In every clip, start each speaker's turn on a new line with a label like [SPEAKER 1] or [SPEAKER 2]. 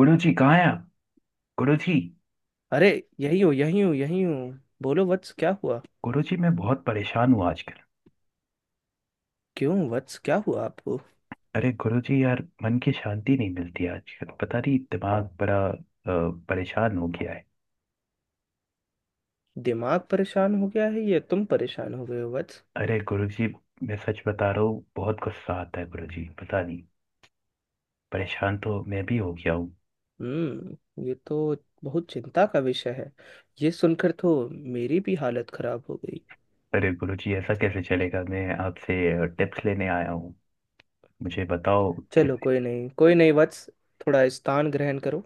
[SPEAKER 1] गुरु जी कहाँ हैं आप? गुरु जी।
[SPEAKER 2] अरे, यही हूँ यही हूँ यही हूँ। बोलो वत्स, क्या हुआ?
[SPEAKER 1] गुरु जी, मैं बहुत परेशान हूँ आजकल।
[SPEAKER 2] क्यों वत्स, क्या हुआ आपको?
[SPEAKER 1] अरे गुरु जी यार, मन की शांति नहीं मिलती आजकल, पता नहीं दिमाग बड़ा परेशान हो गया है।
[SPEAKER 2] दिमाग परेशान हो गया है या तुम परेशान हो गए हो वत्स?
[SPEAKER 1] अरे गुरु जी, मैं सच बता रहा हूँ, बहुत गुस्सा आता है गुरु जी, पता नहीं। परेशान तो मैं भी हो गया हूँ।
[SPEAKER 2] हम्म ये तो बहुत चिंता का विषय है। ये सुनकर तो मेरी भी हालत खराब हो गई।
[SPEAKER 1] अरे गुरु जी, ऐसा कैसे चलेगा? मैं आपसे टिप्स लेने आया हूँ, मुझे बताओ
[SPEAKER 2] चलो,
[SPEAKER 1] कैसे।
[SPEAKER 2] कोई नहीं वत्स, थोड़ा स्थान ग्रहण करो।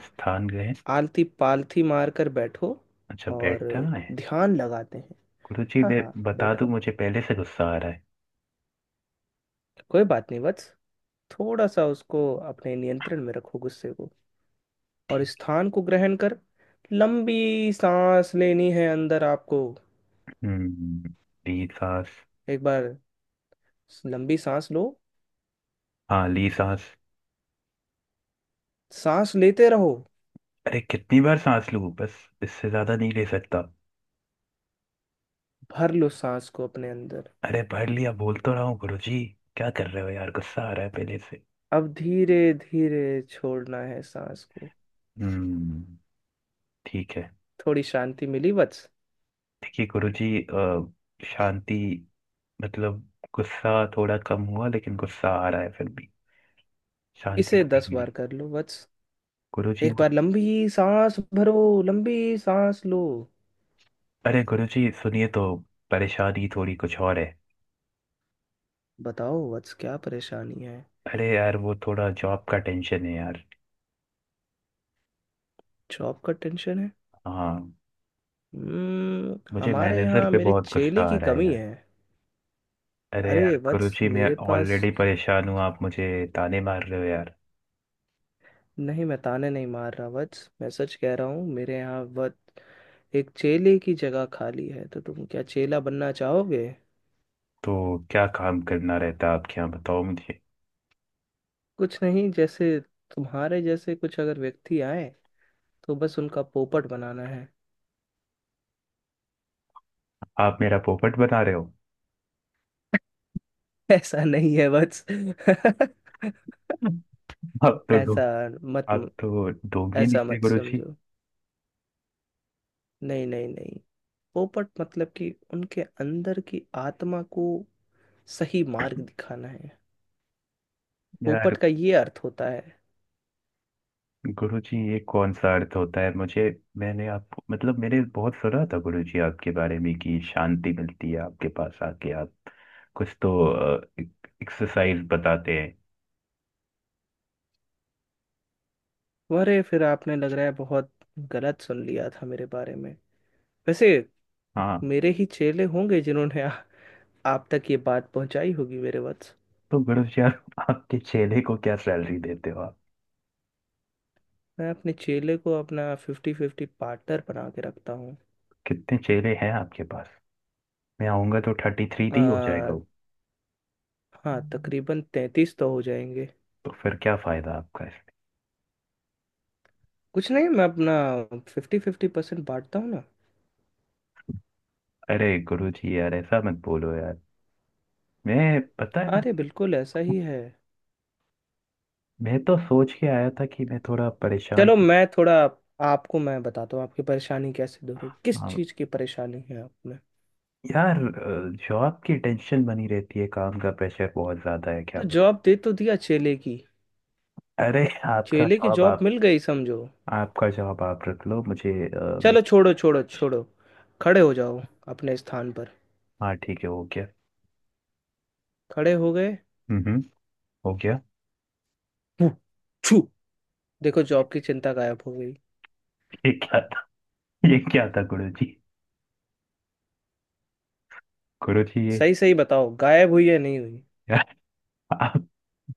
[SPEAKER 1] स्थान गए?
[SPEAKER 2] आलती पालथी मार कर बैठो
[SPEAKER 1] अच्छा,
[SPEAKER 2] और
[SPEAKER 1] बैठना है।
[SPEAKER 2] ध्यान लगाते हैं।
[SPEAKER 1] गुरु जी
[SPEAKER 2] हाँ
[SPEAKER 1] मैं
[SPEAKER 2] हाँ,
[SPEAKER 1] बता दूँ,
[SPEAKER 2] बैठो।
[SPEAKER 1] मुझे पहले से गुस्सा आ रहा है।
[SPEAKER 2] कोई बात नहीं वत्स, थोड़ा सा उसको अपने नियंत्रण में रखो, गुस्से को। और
[SPEAKER 1] ठीक।
[SPEAKER 2] स्थान को ग्रहण कर, लंबी सांस लेनी है अंदर आपको।
[SPEAKER 1] हम्म, मेरी सांस?
[SPEAKER 2] एक बार लंबी सांस लो।
[SPEAKER 1] हाँ, ली सांस।
[SPEAKER 2] सांस लेते रहो।
[SPEAKER 1] अरे कितनी बार सांस लूं बस, इससे ज्यादा नहीं ले सकता।
[SPEAKER 2] भर लो सांस को अपने अंदर।
[SPEAKER 1] अरे पढ़ लिया, बोल तो रहा हूँ गुरुजी, क्या कर रहे हो यार? गुस्सा आ रहा है पहले से।
[SPEAKER 2] अब धीरे धीरे छोड़ना है सांस को।
[SPEAKER 1] हम्म। ठीक है।
[SPEAKER 2] थोड़ी शांति मिली वत्स?
[SPEAKER 1] देखिए गुरुजी, शांति मतलब गुस्सा थोड़ा कम हुआ, लेकिन गुस्सा आ रहा है फिर भी, शांति
[SPEAKER 2] इसे
[SPEAKER 1] तो नहीं
[SPEAKER 2] 10 बार
[SPEAKER 1] मिली।
[SPEAKER 2] कर लो वत्स।
[SPEAKER 1] गुरुजी
[SPEAKER 2] एक
[SPEAKER 1] वो-।
[SPEAKER 2] बार लंबी सांस भरो, लंबी सांस लो।
[SPEAKER 1] अरे गुरुजी सुनिए तो, परेशानी थोड़ी कुछ और है।
[SPEAKER 2] बताओ वत्स, क्या परेशानी है?
[SPEAKER 1] अरे यार, वो थोड़ा जॉब का टेंशन है यार।
[SPEAKER 2] जॉब का टेंशन है?
[SPEAKER 1] हाँ। मुझे
[SPEAKER 2] हमारे
[SPEAKER 1] मैनेजर
[SPEAKER 2] यहाँ
[SPEAKER 1] पे
[SPEAKER 2] मेरे
[SPEAKER 1] बहुत
[SPEAKER 2] चेले
[SPEAKER 1] गुस्सा आ
[SPEAKER 2] की
[SPEAKER 1] रहा है
[SPEAKER 2] कमी
[SPEAKER 1] यार।
[SPEAKER 2] है।
[SPEAKER 1] अरे यार
[SPEAKER 2] अरे वत्स,
[SPEAKER 1] कुरुचि, मैं
[SPEAKER 2] मेरे पास।
[SPEAKER 1] ऑलरेडी परेशान हूँ, आप मुझे ताने मार रहे हो यार।
[SPEAKER 2] नहीं, मैं ताने नहीं मार रहा वत्स, मैं सच कह रहा हूँ। मेरे यहाँ वत्स एक चेले की जगह खाली है, तो तुम क्या चेला बनना चाहोगे?
[SPEAKER 1] तो क्या काम करना रहता है आपके यहाँ, बताओ मुझे।
[SPEAKER 2] कुछ नहीं, जैसे तुम्हारे जैसे कुछ अगर व्यक्ति आए तो बस उनका पोपट बनाना है।
[SPEAKER 1] आप मेरा पोपट बना रहे हो?
[SPEAKER 2] ऐसा नहीं है वत्स।
[SPEAKER 1] आप तो डो
[SPEAKER 2] ऐसा मत
[SPEAKER 1] आप तो ढोंगी
[SPEAKER 2] ऐसा
[SPEAKER 1] निकले
[SPEAKER 2] मत
[SPEAKER 1] गुरुजी।
[SPEAKER 2] समझो। नहीं नहीं नहीं, पोपट मतलब कि उनके अंदर की आत्मा को सही मार्ग दिखाना है।
[SPEAKER 1] यार
[SPEAKER 2] पोपट का ये अर्थ होता है।
[SPEAKER 1] गुरुजी, ये कौन सा अर्थ होता है? मुझे मैंने आप मतलब मैंने बहुत सुना था गुरुजी आपके बारे में कि शांति मिलती है आपके पास आके, आप कुछ तो एक्सरसाइज बताते हैं।
[SPEAKER 2] अरे, फिर आपने लग रहा है बहुत गलत सुन लिया था मेरे बारे में। वैसे
[SPEAKER 1] हाँ,
[SPEAKER 2] मेरे ही चेले होंगे जिन्होंने आप तक ये बात पहुंचाई होगी मेरे वत्स।
[SPEAKER 1] तो गुरुजी आप आपके चेले को क्या सैलरी देते हो?
[SPEAKER 2] मैं अपने चेले को अपना 50-50 पार्टनर बना के रखता हूँ।
[SPEAKER 1] कितने चेहरे हैं आपके पास? मैं आऊंगा तो 33 तो ही हो जाएगा
[SPEAKER 2] आ,
[SPEAKER 1] वो।
[SPEAKER 2] हाँ, तकरीबन 33 तो हो जाएंगे।
[SPEAKER 1] तो फिर क्या फायदा आपका इसमें?
[SPEAKER 2] कुछ नहीं, मैं अपना 50-50% बांटता हूँ ना।
[SPEAKER 1] अरे गुरु जी यार ऐसा मत बोलो यार, मैं पता
[SPEAKER 2] अरे
[SPEAKER 1] है।
[SPEAKER 2] बिल्कुल ऐसा ही है।
[SPEAKER 1] मैं तो सोच के आया था कि मैं थोड़ा परेशान
[SPEAKER 2] चलो,
[SPEAKER 1] सी-।
[SPEAKER 2] मैं थोड़ा आपको मैं बताता हूँ आपकी परेशानी कैसे दूर होगी, किस
[SPEAKER 1] हाँ
[SPEAKER 2] चीज़ की परेशानी है आपने?
[SPEAKER 1] यार, जॉब की टेंशन बनी रहती है, काम का प्रेशर बहुत ज्यादा है, क्या
[SPEAKER 2] तो
[SPEAKER 1] बताऊं।
[SPEAKER 2] जवाब दे तो दिया चेले की,
[SPEAKER 1] अरे आपका
[SPEAKER 2] चेले की
[SPEAKER 1] जॉब
[SPEAKER 2] जॉब
[SPEAKER 1] आप
[SPEAKER 2] मिल गई समझो।
[SPEAKER 1] आपका जॉब आप रख लो मुझे,
[SPEAKER 2] चलो, छोड़ो छोड़ो छोड़ो, खड़े हो जाओ अपने स्थान पर।
[SPEAKER 1] हाँ ठीक है, हो गया।
[SPEAKER 2] खड़े हो गए।
[SPEAKER 1] हम्म हम्म, हो गया।
[SPEAKER 2] हूँ, छू। देखो, जॉब की चिंता गायब हो गई।
[SPEAKER 1] ये क्या था? ये क्या था गुरु जी? गुरु जी ये-
[SPEAKER 2] सही सही बताओ, गायब हुई या नहीं हुई?
[SPEAKER 1] यार,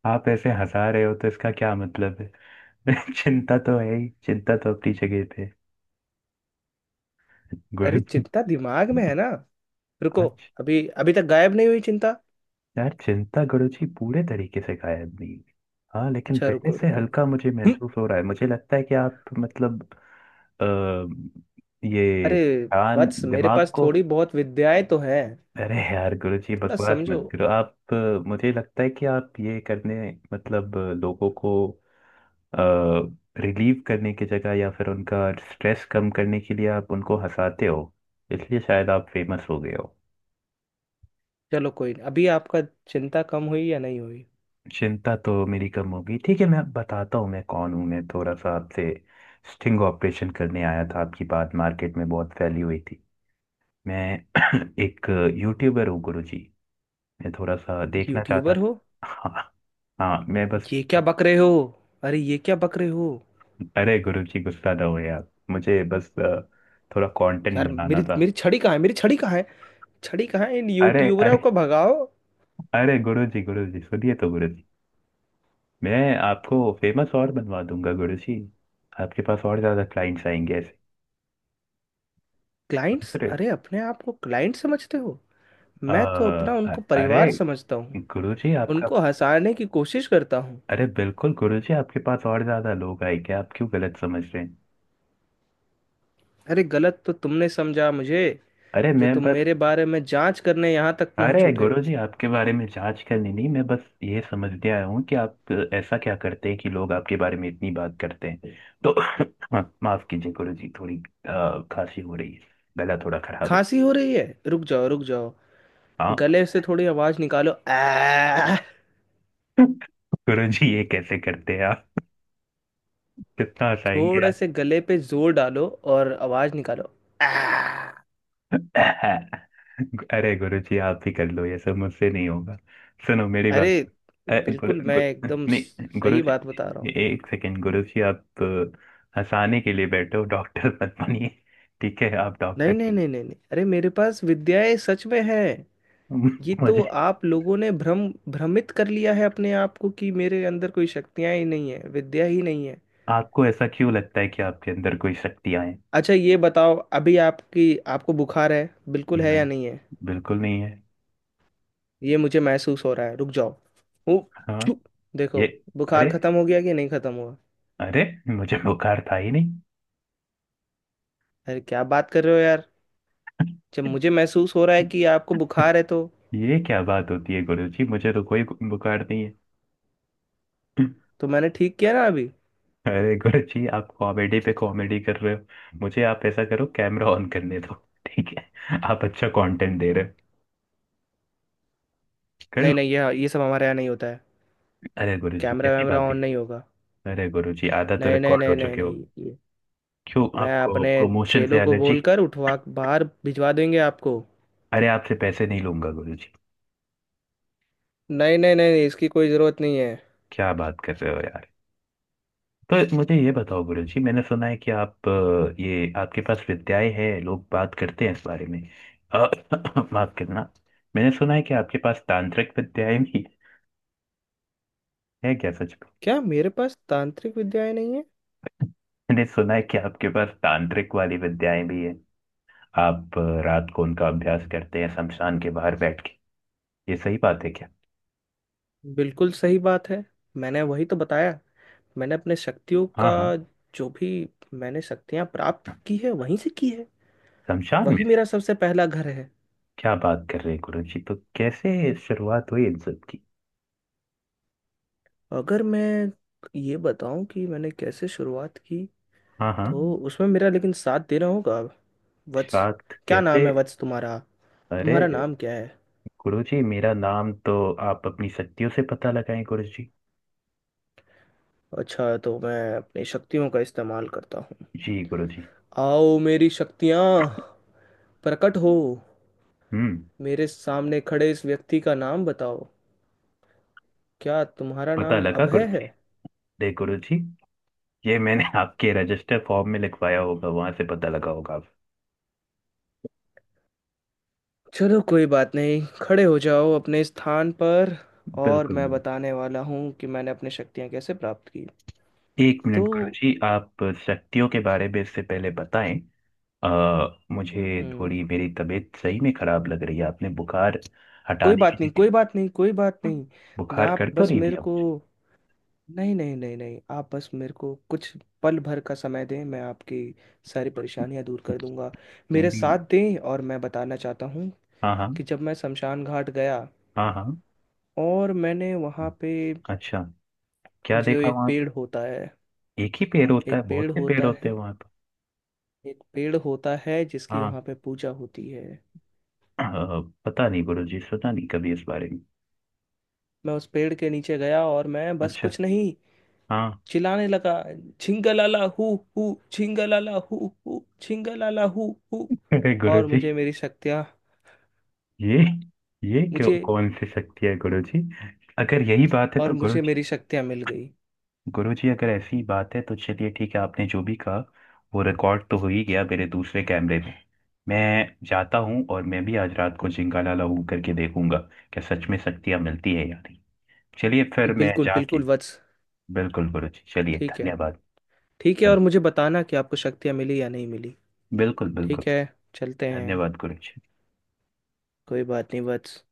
[SPEAKER 1] आप ऐसे हंसा रहे हो तो इसका क्या मतलब है? चिंता तो है ही, चिंता तो अपनी जगह पे है।
[SPEAKER 2] अरे,
[SPEAKER 1] गुरु जी।
[SPEAKER 2] चिंता दिमाग में है ना। रुको,
[SPEAKER 1] आज।
[SPEAKER 2] अभी अभी तक गायब नहीं हुई चिंता।
[SPEAKER 1] यार चिंता गुरु जी पूरे तरीके से गायब नहीं हुई। हाँ लेकिन
[SPEAKER 2] अच्छा,
[SPEAKER 1] पहले
[SPEAKER 2] रुको
[SPEAKER 1] से
[SPEAKER 2] रुको।
[SPEAKER 1] हल्का मुझे
[SPEAKER 2] हम्म,
[SPEAKER 1] महसूस हो रहा है, मुझे लगता है कि आप मतलब आ, ये
[SPEAKER 2] अरे
[SPEAKER 1] कान
[SPEAKER 2] वत्स, मेरे
[SPEAKER 1] दिमाग
[SPEAKER 2] पास
[SPEAKER 1] को।
[SPEAKER 2] थोड़ी बहुत विद्याएं तो हैं,
[SPEAKER 1] अरे यार गुरु जी
[SPEAKER 2] थोड़ा
[SPEAKER 1] बकवास
[SPEAKER 2] समझो।
[SPEAKER 1] मत करो आप, मुझे लगता है कि आप ये करने मतलब लोगों को रिलीव करने की जगह या फिर उनका स्ट्रेस कम करने के लिए आप उनको हंसाते हो, इसलिए शायद आप फेमस हो गए हो।
[SPEAKER 2] चलो कोई नहीं, अभी आपका चिंता कम हुई या नहीं हुई?
[SPEAKER 1] चिंता तो मेरी कम होगी, ठीक है। मैं बताता हूँ मैं कौन हूँ, मैं थोड़ा सा आपसे स्टिंग ऑपरेशन करने आया था, आपकी बात मार्केट में बहुत फैली हुई थी। मैं एक यूट्यूबर हूँ गुरुजी, मैं थोड़ा सा देखना चाहता
[SPEAKER 2] यूट्यूबर
[SPEAKER 1] था।
[SPEAKER 2] हो?
[SPEAKER 1] हाँ। हाँ मैं बस।
[SPEAKER 2] ये क्या बक रहे हो? अरे, ये क्या बक रहे हो?
[SPEAKER 1] अरे गुरुजी गुस्सा ना हो यार, मुझे बस थोड़ा कंटेंट
[SPEAKER 2] यार
[SPEAKER 1] बनाना
[SPEAKER 2] मेरी
[SPEAKER 1] था।
[SPEAKER 2] मेरी छड़ी कहाँ है, मेरी छड़ी कहाँ है? छड़ी कहाँ है, इन
[SPEAKER 1] अरे,
[SPEAKER 2] यूट्यूबरों
[SPEAKER 1] अरे।
[SPEAKER 2] को भगाओ।
[SPEAKER 1] अरे गुरु जी, गुरु जी सुनिए तो गुरु जी, मैं आपको फेमस और बनवा दूंगा गुरु जी। आपके पास और ज्यादा क्लाइंट्स आएंगे ऐसे, समझ
[SPEAKER 2] क्लाइंट्स?
[SPEAKER 1] रहे हो?
[SPEAKER 2] अरे, अपने आप को क्लाइंट समझते हो?
[SPEAKER 1] अ,
[SPEAKER 2] मैं तो अपना उनको
[SPEAKER 1] अरे
[SPEAKER 2] परिवार समझता हूँ।
[SPEAKER 1] गुरु जी आपका।
[SPEAKER 2] उनको हंसाने की कोशिश करता हूँ।
[SPEAKER 1] अरे बिल्कुल गुरु जी, आपके पास और ज्यादा लोग आएंगे, आप क्यों गलत समझ रहे हैं?
[SPEAKER 2] अरे, गलत तो तुमने समझा मुझे।
[SPEAKER 1] अरे
[SPEAKER 2] जो
[SPEAKER 1] मैं
[SPEAKER 2] तुम
[SPEAKER 1] बस।
[SPEAKER 2] मेरे बारे में जांच करने यहाँ तक
[SPEAKER 1] अरे
[SPEAKER 2] पहुँच उठे।
[SPEAKER 1] गुरु जी आपके बारे में जांच करनी नहीं, मैं बस ये समझने आया हूँ कि आप ऐसा क्या करते हैं कि लोग आपके बारे में इतनी बात करते हैं। तो माफ कीजिए गुरु जी, थोड़ी खांसी हो रही है, गला थोड़ा खराब है।
[SPEAKER 2] खांसी हो रही है, रुक जाओ रुक जाओ।
[SPEAKER 1] हाँ।
[SPEAKER 2] गले से थोड़ी आवाज निकालो, आ।
[SPEAKER 1] गुरु जी, ये कैसे करते हैं आप? कितना हंसाएंगे
[SPEAKER 2] थोड़े
[SPEAKER 1] आप?
[SPEAKER 2] से गले पे जोर डालो और आवाज निकालो, आ।
[SPEAKER 1] अरे गुरु जी आप ही कर लो, ये सब मुझसे नहीं होगा, सुनो मेरी
[SPEAKER 2] अरे
[SPEAKER 1] बात। अ, गुरु
[SPEAKER 2] बिल्कुल, मैं
[SPEAKER 1] गुरु
[SPEAKER 2] एकदम
[SPEAKER 1] नहीं, गुरु
[SPEAKER 2] सही बात
[SPEAKER 1] जी।
[SPEAKER 2] बता रहा हूँ।
[SPEAKER 1] एक सेकेंड गुरु जी, आप हंसाने के लिए बैठो, डॉक्टर मत बनिए। ठीक है, आप डॉक्टर
[SPEAKER 2] नहीं नहीं
[SPEAKER 1] नहीं।
[SPEAKER 2] नहीं नहीं नहीं, अरे मेरे पास विद्याएं सच में हैं। ये तो
[SPEAKER 1] मुझे।
[SPEAKER 2] आप लोगों ने भ्रमित कर लिया है अपने आप को कि मेरे अंदर कोई शक्तियां ही नहीं है, विद्या ही नहीं है।
[SPEAKER 1] आपको ऐसा क्यों लगता है कि आपके अंदर कोई शक्तियां हैं?
[SPEAKER 2] अच्छा, ये बताओ, अभी आपकी आपको बुखार है, बिल्कुल है या
[SPEAKER 1] नहीं,
[SPEAKER 2] नहीं है?
[SPEAKER 1] बिल्कुल नहीं है।
[SPEAKER 2] ये मुझे महसूस हो रहा है, रुक जाओ। ओ,
[SPEAKER 1] हाँ।
[SPEAKER 2] छू!
[SPEAKER 1] ये।
[SPEAKER 2] देखो, बुखार
[SPEAKER 1] अरे,
[SPEAKER 2] खत्म हो गया कि नहीं खत्म हुआ?
[SPEAKER 1] अरे, मुझे बुखार था ही नहीं।
[SPEAKER 2] अरे, क्या बात कर रहे हो यार, जब मुझे महसूस हो रहा है कि आपको बुखार है तो।
[SPEAKER 1] ये क्या बात होती है गुरु जी, मुझे तो कोई बुखार नहीं है।
[SPEAKER 2] तो मैंने ठीक किया ना अभी।
[SPEAKER 1] अरे गुरु जी, आप कॉमेडी पे कॉमेडी कर रहे हो, मुझे आप ऐसा करो कैमरा ऑन करने दो। ठीक है, आप अच्छा कंटेंट दे रहे हो, कर
[SPEAKER 2] नहीं
[SPEAKER 1] लो।
[SPEAKER 2] नहीं, ये सब हमारे यहाँ नहीं होता है।
[SPEAKER 1] अरे गुरु जी
[SPEAKER 2] कैमरा
[SPEAKER 1] कैसी
[SPEAKER 2] वैमरा
[SPEAKER 1] बात है?
[SPEAKER 2] ऑन नहीं होगा।
[SPEAKER 1] अरे गुरु जी, आधा तो
[SPEAKER 2] नहीं नहीं
[SPEAKER 1] रिकॉर्ड हो
[SPEAKER 2] नहीं नहीं
[SPEAKER 1] चुके हो।
[SPEAKER 2] नहीं, ये
[SPEAKER 1] क्यों,
[SPEAKER 2] मैं
[SPEAKER 1] आपको
[SPEAKER 2] अपने
[SPEAKER 1] प्रमोशन से
[SPEAKER 2] चेलों को
[SPEAKER 1] एलर्जी?
[SPEAKER 2] बोलकर उठवा बाहर भिजवा देंगे आपको।
[SPEAKER 1] अरे आपसे पैसे नहीं लूंगा गुरु जी,
[SPEAKER 2] नहीं नहीं नहीं नहीं, इसकी कोई ज़रूरत नहीं है।
[SPEAKER 1] क्या बात कर रहे हो यार? तो मुझे ये बताओ गुरु जी, मैंने सुना है कि आप, ये आपके पास विद्याएं हैं, लोग बात करते हैं इस बारे में। अ, माफ करना, मैंने सुना है कि आपके पास तांत्रिक विद्याएं भी है क्या सच में?
[SPEAKER 2] क्या मेरे पास तांत्रिक विद्याएं नहीं है?
[SPEAKER 1] मैंने सुना है कि आपके पास तांत्रिक वाली विद्याएं भी है, आप रात को उनका अभ्यास करते हैं शमशान के बाहर बैठ के, ये सही बात है क्या?
[SPEAKER 2] बिल्कुल सही बात है, मैंने वही तो बताया। मैंने अपने शक्तियों
[SPEAKER 1] हाँ
[SPEAKER 2] का,
[SPEAKER 1] हाँ।
[SPEAKER 2] जो भी मैंने शक्तियां प्राप्त की है वहीं से की है।
[SPEAKER 1] शमशान
[SPEAKER 2] वही
[SPEAKER 1] में से?
[SPEAKER 2] मेरा सबसे पहला घर है।
[SPEAKER 1] क्या बात कर रहे हैं गुरु जी, तो कैसे शुरुआत हुई इन सब की?
[SPEAKER 2] अगर मैं ये बताऊं कि मैंने कैसे शुरुआत की
[SPEAKER 1] हाँ हाँ।
[SPEAKER 2] तो उसमें मेरा लेकिन साथ देना होगा वत्स।
[SPEAKER 1] शाक्त
[SPEAKER 2] क्या
[SPEAKER 1] कैसे?
[SPEAKER 2] नाम है वत्स तुम्हारा,
[SPEAKER 1] अरे
[SPEAKER 2] तुम्हारा नाम क्या है?
[SPEAKER 1] गुरु जी मेरा नाम तो आप अपनी शक्तियों से पता लगाएं गुरु जी।
[SPEAKER 2] अच्छा, तो मैं अपनी शक्तियों का इस्तेमाल करता हूँ।
[SPEAKER 1] जी गुरु जी।
[SPEAKER 2] आओ मेरी शक्तियाँ, प्रकट हो।
[SPEAKER 1] हम्म।
[SPEAKER 2] मेरे सामने खड़े इस व्यक्ति का नाम बताओ। क्या तुम्हारा
[SPEAKER 1] पता
[SPEAKER 2] नाम
[SPEAKER 1] लगा गुरु
[SPEAKER 2] अभय है?
[SPEAKER 1] जी? देख गुरु जी, ये मैंने आपके रजिस्टर फॉर्म में लिखवाया होगा, वहां से पता लगा होगा आप।
[SPEAKER 2] चलो, कोई बात नहीं, खड़े हो जाओ अपने स्थान पर। और
[SPEAKER 1] बिल्कुल
[SPEAKER 2] मैं
[SPEAKER 1] बिल्कुल।
[SPEAKER 2] बताने वाला हूँ कि मैंने अपनी शक्तियाँ कैसे प्राप्त की।
[SPEAKER 1] एक मिनट
[SPEAKER 2] तो
[SPEAKER 1] गुरु जी, आप शक्तियों के बारे में इससे पहले बताएं। मुझे
[SPEAKER 2] हम्म,
[SPEAKER 1] थोड़ी मेरी तबीयत सही में खराब लग रही है, आपने बुखार
[SPEAKER 2] कोई
[SPEAKER 1] हटाने की
[SPEAKER 2] बात नहीं कोई
[SPEAKER 1] जगह
[SPEAKER 2] बात नहीं कोई बात नहीं,
[SPEAKER 1] बुखार
[SPEAKER 2] आप
[SPEAKER 1] कर तो
[SPEAKER 2] बस
[SPEAKER 1] नहीं
[SPEAKER 2] मेरे
[SPEAKER 1] दिया
[SPEAKER 2] को।
[SPEAKER 1] मुझे?
[SPEAKER 2] नहीं नहीं नहीं नहीं, आप बस मेरे को कुछ पल भर का समय दें, मैं आपकी सारी परेशानियां दूर कर दूंगा। मेरे
[SPEAKER 1] मेरी।
[SPEAKER 2] साथ दें और मैं बताना चाहता हूँ
[SPEAKER 1] हाँ हाँ।
[SPEAKER 2] कि जब मैं शमशान घाट गया
[SPEAKER 1] हाँ हाँ।
[SPEAKER 2] और मैंने वहाँ पे
[SPEAKER 1] अच्छा, क्या
[SPEAKER 2] जो
[SPEAKER 1] देखा
[SPEAKER 2] एक
[SPEAKER 1] वहां?
[SPEAKER 2] पेड़ होता है,
[SPEAKER 1] एक ही पेड़ होता है?
[SPEAKER 2] एक
[SPEAKER 1] बहुत
[SPEAKER 2] पेड़
[SPEAKER 1] से पेड़
[SPEAKER 2] होता
[SPEAKER 1] होते
[SPEAKER 2] है
[SPEAKER 1] हैं वहां पर।
[SPEAKER 2] एक पेड़ होता है जिसकी
[SPEAKER 1] हाँ।
[SPEAKER 2] वहाँ पे पूजा होती है।
[SPEAKER 1] अ, पता नहीं गुरु जी, सुना नहीं कभी इस बारे में।
[SPEAKER 2] मैं उस पेड़ के नीचे गया और मैं बस
[SPEAKER 1] अच्छा।
[SPEAKER 2] कुछ नहीं,
[SPEAKER 1] हाँ।
[SPEAKER 2] चिल्लाने लगा। छिंगलाला हु हु छिंगलाला हु हु छिंगलाला हु हु।
[SPEAKER 1] अरे गुरु
[SPEAKER 2] और
[SPEAKER 1] जी,
[SPEAKER 2] मुझे मेरी शक्तियाँ
[SPEAKER 1] ये ये क्यों?
[SPEAKER 2] मुझे
[SPEAKER 1] कौन सी शक्ति है गुरु जी? अगर यही बात है
[SPEAKER 2] और
[SPEAKER 1] तो गुरु
[SPEAKER 2] मुझे
[SPEAKER 1] जी,
[SPEAKER 2] मेरी शक्तियाँ मिल गई।
[SPEAKER 1] गुरु जी अगर ऐसी बात है तो चलिए ठीक है, आपने जो भी कहा वो रिकॉर्ड तो हो ही गया मेरे दूसरे कैमरे में। मैं जाता हूँ और मैं भी आज रात को जिंगाला लाऊ करके देखूंगा, क्या सच में शक्तियाँ मिलती है या नहीं। चलिए फिर मैं
[SPEAKER 2] बिल्कुल
[SPEAKER 1] जाके।
[SPEAKER 2] बिल्कुल वत्स।
[SPEAKER 1] बिल्कुल गुरु जी, चलिए
[SPEAKER 2] ठीक है,
[SPEAKER 1] धन्यवाद।
[SPEAKER 2] ठीक है, और मुझे बताना कि आपको शक्तियाँ मिली या नहीं मिली।
[SPEAKER 1] बिल्कुल बिल्कुल।
[SPEAKER 2] ठीक है, चलते हैं।
[SPEAKER 1] धन्यवाद कुरेश।
[SPEAKER 2] कोई बात नहीं वत्स।